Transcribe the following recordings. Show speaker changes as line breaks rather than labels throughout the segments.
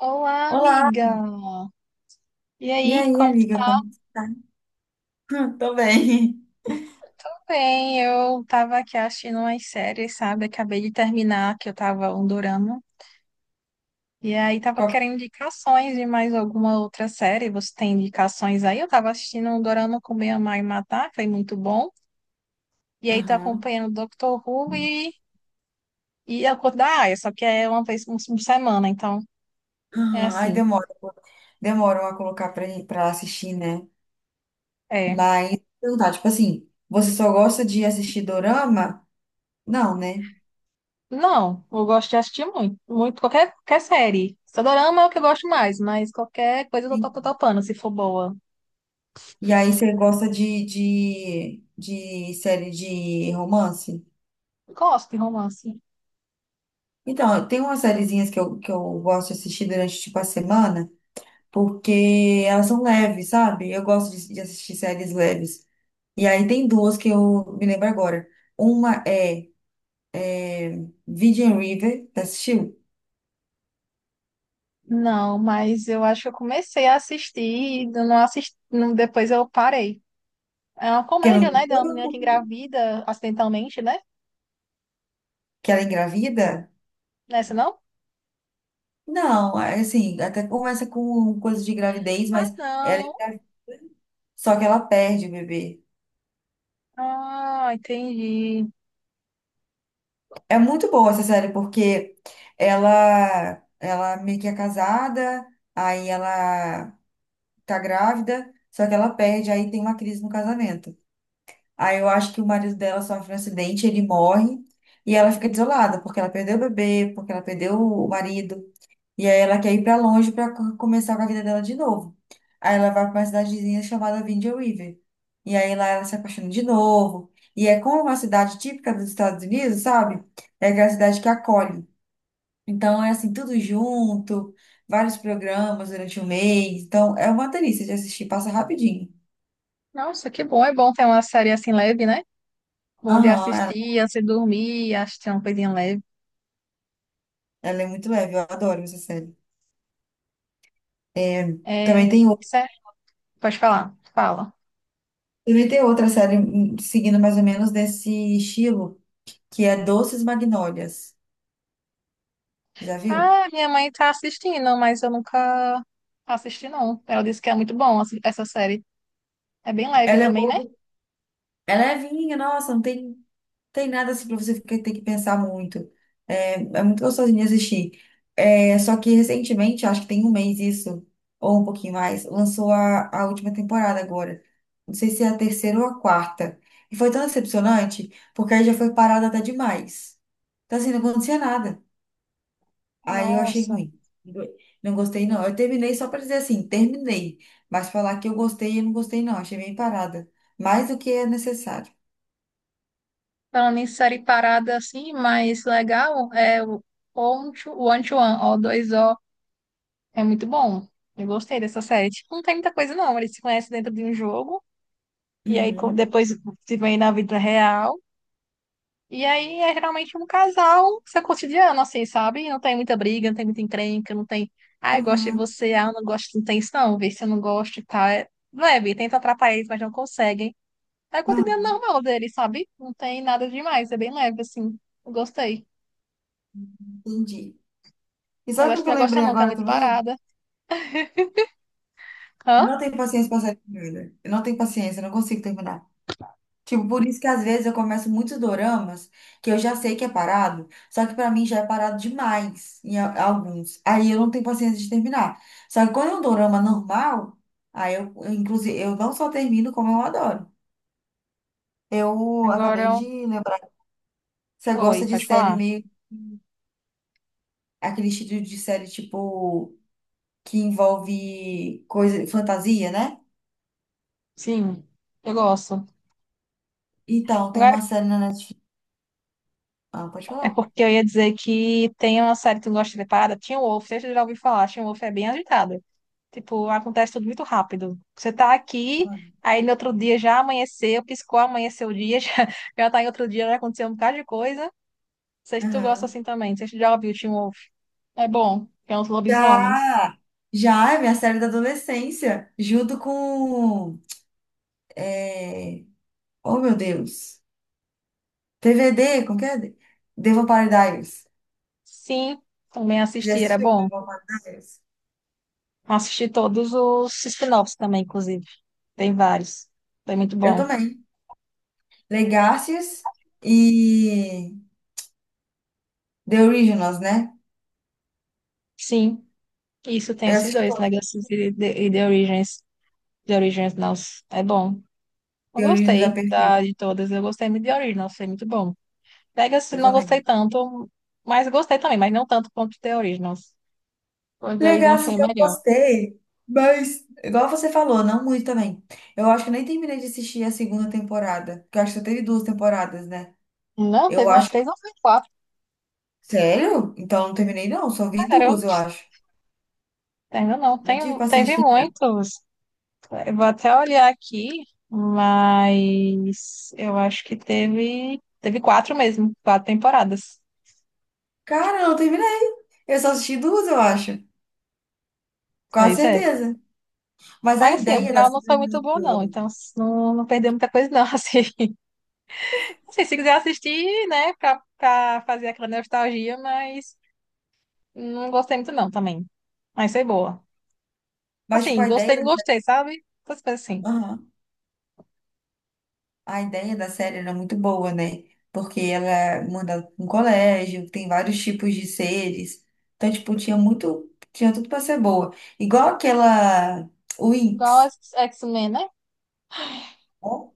Olá,
Olá!
amiga. E
E
aí,
aí,
como tu
amiga,
tá?
como você tá? Tô bem.
Tudo bem? Eu tava aqui assistindo umas séries, sabe? Acabei de terminar, que eu tava um dorama. E aí tava
Qual que-
querendo indicações de mais alguma outra série. Você tem indicações aí? Eu tava assistindo um dorama com minha mãe matar, foi muito bom. E aí tô
Aham.
acompanhando o Doctor Who e a Cor da Aia, só que é uma vez por semana, então é
Aham. Aí
assim.
demora, pô. Demoram a colocar pra assistir, né?
É.
Mas, perguntar, tipo assim, você só gosta de assistir dorama? Não, né?
Não, eu gosto de assistir muito, muito qualquer qualquer série. Só dorama é o que eu gosto mais, mas qualquer coisa eu tô,
Sim.
topando, se for boa.
E aí você gosta de série de romance?
Gosto de romance.
Então, tem umas sériezinhas que eu gosto de assistir durante, tipo, a semana, porque elas são leves, sabe? Eu gosto de assistir séries leves. E aí tem duas que eu me lembro agora. Uma é Virgin River, tá assistiu?
Não, mas eu acho que eu comecei a assistir e eu não assisti, depois eu parei. É uma
Que ela,
comédia, né, de uma menina que engravida acidentalmente, né?
que ela é engravida?
Nessa não?
Não, é assim, até começa com coisas de gravidez,
Ah,
mas ela é
não.
engra- só que ela perde o bebê.
Ah, entendi.
É muito boa essa série, porque ela meio que é casada, aí ela tá grávida, só que ela perde, aí tem uma crise no casamento. Aí eu acho que o marido dela sofre um acidente, ele morre e ela fica desolada, porque ela perdeu o bebê, porque ela perdeu o marido. E aí ela quer ir pra longe pra começar com a vida dela de novo. Aí ela vai pra uma cidadezinha chamada Vindia River. E aí lá ela se apaixona de novo. E é como uma cidade típica dos Estados Unidos, sabe? É aquela cidade que acolhe. Então é assim, tudo junto, vários programas durante o mês. Então é uma delícia de assistir, passa rapidinho.
Nossa, que bom. É bom ter uma série assim leve, né? Bom de
Aham, ela,
assistir, antes de dormir, assistir uma coisinha leve.
ela é muito leve, eu adoro essa série. Também
É,
tem,
certo. Pode falar. Fala.
também tem outra série seguindo mais ou menos desse estilo, que é Doces Magnólias. Já viu?
Ah, minha mãe tá assistindo, mas eu nunca assisti, não. Ela disse que é muito bom assim, essa série. É bem leve
Ela é
também, né?
boba, ela é levinha, nossa, não tem, tem nada assim pra você ter que pensar muito. É, é muito gostosinho de assistir. É, só que recentemente, acho que tem um mês isso, ou um pouquinho mais, lançou a última temporada agora. Não sei se é a terceira ou a quarta. E foi tão decepcionante, porque aí já foi parada até demais. Então, assim, não acontecia nada. Aí eu achei
Nossa.
ruim. Não gostei, não. Eu terminei só para dizer assim, terminei. Mas falar que eu gostei, eu não gostei, não. Achei bem parada. Mais do que é necessário.
Falando em série parada assim, mais legal, é o One to One, O2O. É muito bom. Eu gostei dessa série. Tipo, não tem muita coisa, não. Eles se conhecem dentro de um jogo, e aí
Uhum.
depois se vêm na vida real. E aí é geralmente um casal, seu cotidiano, assim, sabe? Não tem muita briga, não tem muita encrenca, não tem. Ah, eu gosto de
Aham.
você, ah, eu não gosto, não tem isso, não, vê se eu não gosto e tal. É leve, tenta atrapalhar eles, mas não conseguem. É o cotidiano
Aham.
normal deles, sabe? Não tem nada demais, é bem leve, assim. Eu gostei.
Entendi. E
Mas
sabe
acho
o
que tu
que eu
não gosta,
lembrei
não, que é
agora
muito
também?
parada.
Eu
Hã?
não tenho paciência para série de coisa. Eu não tenho paciência, eu não consigo terminar. Tipo, por isso que às vezes eu começo muitos doramas que eu já sei que é parado, só que pra mim já é parado demais em alguns. Aí eu não tenho paciência de terminar. Só que quando é um dorama normal, aí eu, inclusive, eu não só termino como eu adoro. Eu
Agora
acabei
eu.
de lembrar. Você
Oi,
gosta de
pode
série
falar?
meio aquele estilo de série tipo que envolve coisa, fantasia, né?
Sim, eu gosto.
Então, tem
Agora
uma série na Netflix. Ah, pode
é
falar.
porque eu ia dizer que tem uma série que tu gosta de ver parada, Teen Wolf, você já ouviu falar, Teen Wolf é bem agitada. Tipo, acontece tudo muito rápido. Você tá aqui, aí no outro dia já amanheceu, piscou, amanheceu o dia, já, já tá em outro dia, já aconteceu um bocado de coisa. Não sei se tu gosta
Aham.
assim também. Não sei se tu já ouviu o Teen Wolf. É bom. Que é uns lobisomens.
Já, já é minha série da adolescência, junto com, é, oh meu Deus, TVD, como que é? The Vampire Diaries.
Sim, também
Você
assisti, era
assistiu
bom.
The Vampire Diaries?
Assisti todos os spin-offs também, inclusive. Tem vários. Foi muito
Eu
bom.
também. Legacies e The Originals, né?
Sim, isso tem
Eu
esses
assisti
dois,
todos.
Legacy e The Origins. The Origins, nossa, é bom. Eu
The Originals é
gostei da,
perfeito,
de todas. Eu gostei muito de Originals, foi muito bom. Legacy
eu
não gostei
também.
tanto, mas gostei também, mas não tanto quanto The Originals. O The Originals foi
Legacies eu
melhor.
gostei, mas, igual você falou, não muito também. Eu acho que nem terminei de assistir a segunda temporada, porque eu acho que só teve duas temporadas, né?
Não,
Eu
teve umas
acho.
três ou foi quatro,
Sério? Então eu não terminei, não. Só vi
cara. Eu
duas, eu acho.
ainda não,
Nem
tem,
tive paciência
teve
de terminar.
muitos. Eu vou até olhar aqui, mas eu acho que teve, quatro mesmo, quatro temporadas.
Cara, eu não terminei. Eu só assisti duas, eu acho. Com
Pois é.
certeza. Mas a
Mas assim, o
ideia da
final não
série era
foi muito
muito
bom, não.
boa.
Então não, perdeu muita coisa, não. Assim, assim, se quiser assistir, né, pra, fazer aquela nostalgia, mas não gostei muito, não, também. Mas foi boa.
Mas, tipo,
Assim,
a ideia
gostei, não
da...
gostei, sabe? Essas coisas assim.
Aham. A ideia da série era muito boa, né? Porque ela manda pra um colégio, tem vários tipos de seres. Então, tipo, tinha muito... Tinha tudo pra ser boa. Igual aquela...
Igual
Winx.
as X-Men, né?
O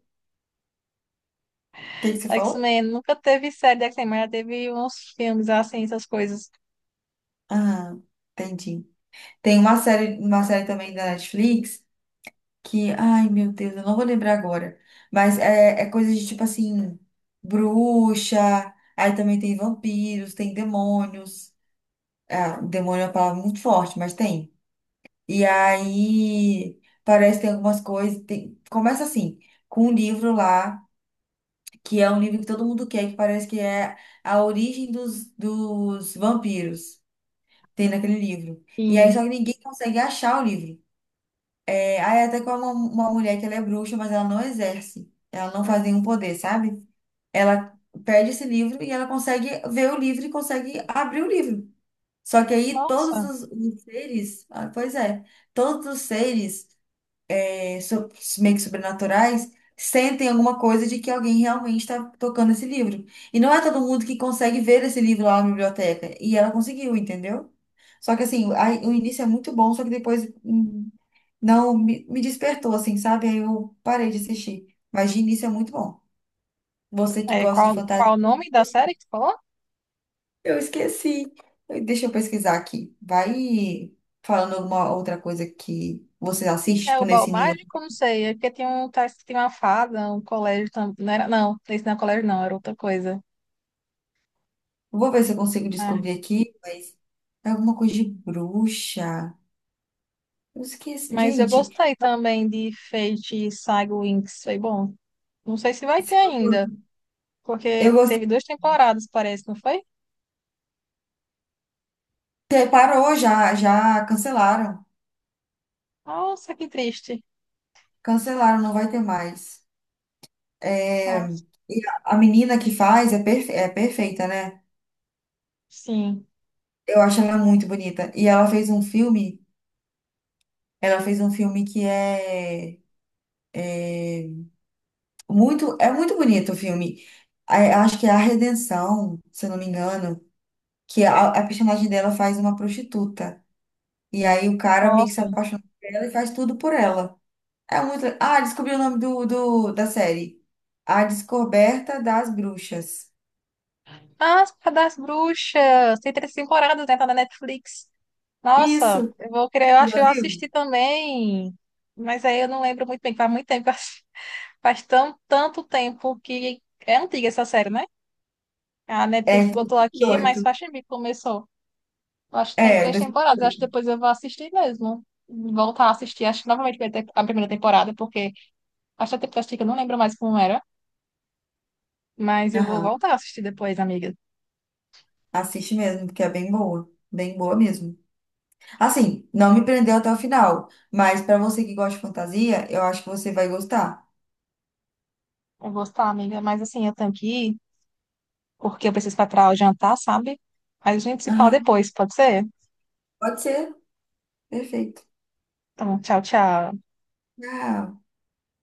que que você falou?
X-Men nunca teve série de X-Men, mas teve uns filmes assim, essas coisas.
Ah, entendi. Tem uma série também da Netflix que, ai meu Deus, eu não vou lembrar agora, mas é, é coisa de tipo assim, bruxa, aí também tem vampiros, tem demônios, ah, demônio é uma palavra muito forte, mas tem. E aí parece que tem algumas coisas, começa assim, com um livro lá, que é um livro que todo mundo quer, que parece que é a origem dos vampiros, tem naquele livro. E aí
E,
só que ninguém consegue achar o livro. É, aí até com uma, mulher que ela é bruxa, mas ela não exerce. Ela não faz nenhum poder, sabe? Ela perde esse livro e ela consegue ver o livro e consegue abrir o livro. Só que aí todos
nossa,
os seres, ah, pois é, todos os seres meio que sobrenaturais sentem alguma coisa de que alguém realmente está tocando esse livro. E não é todo mundo que consegue ver esse livro lá na biblioteca. E ela conseguiu, entendeu? Só que assim, o início é muito bom, só que depois. Não, me despertou, assim, sabe? Aí eu parei de assistir. Mas de início é muito bom. Você que
é,
gosta de
qual,
fantasia.
o nome da série que tu falou?
Eu esqueci. Deixa eu pesquisar aqui. Vai falando alguma outra coisa que você assiste,
É
tipo,
o Bal
nesse nível.
Mágico? Não sei. É porque tem um, tá, tem uma fada, um colégio também. Não era, não, esse não é colégio, não, era outra coisa.
Vou ver se eu consigo
É.
descobrir aqui, mas é alguma coisa de bruxa. Eu esqueci.
Mas eu
Gente,
gostei também de Fate e Saga Winx, foi bom. Não sei se vai ter ainda, porque
eu
teve
gostei.
duas temporadas, parece, não foi?
Parou já, já cancelaram.
Nossa, que triste.
Cancelaram, não vai ter mais. É, e a menina que faz é, é perfeita, né?
Sim.
Eu acho ela muito bonita. E ela fez um filme, ela fez um filme que é, é é muito bonito o filme. Acho que é A Redenção, se eu não me engano, que a, personagem dela faz uma prostituta. E aí o cara meio que se
Nossa.
apaixona por ela e faz tudo por ela. É muito. Ah, descobri o nome do, da série. A Descoberta das Bruxas.
Ah, As Cadas das Bruxas. Tem três temporadas, né? Tá na Netflix. Nossa,
Isso,
eu vou querer, eu acho que
já
eu
viu?
assisti também. Mas aí eu não lembro muito bem, faz muito tempo. que eu assisti. Faz tão, tanto tempo que é antiga essa série, né? A
É,
Netflix botou aqui, mas
18.
faz tempo que começou. Eu acho que tem
É,
três temporadas. Eu acho que
2018.
depois eu vou assistir mesmo. Voltar a assistir. Acho que novamente vai ter a primeira temporada, porque acho que a temporada que eu não lembro mais como era. Mas eu vou
Aham.
voltar a assistir depois, amiga.
Assiste mesmo, porque é bem boa. Bem boa mesmo. Assim, não me prendeu até o final, mas pra você que gosta de fantasia, eu acho que você vai gostar.
Eu vou estar, amiga, mas assim, eu tenho que ir, porque eu preciso preparar o jantar, sabe? Mas a gente se fala
Aham.
depois, pode ser?
Pode ser. Perfeito.
Então, tchau, tchau.
Ah,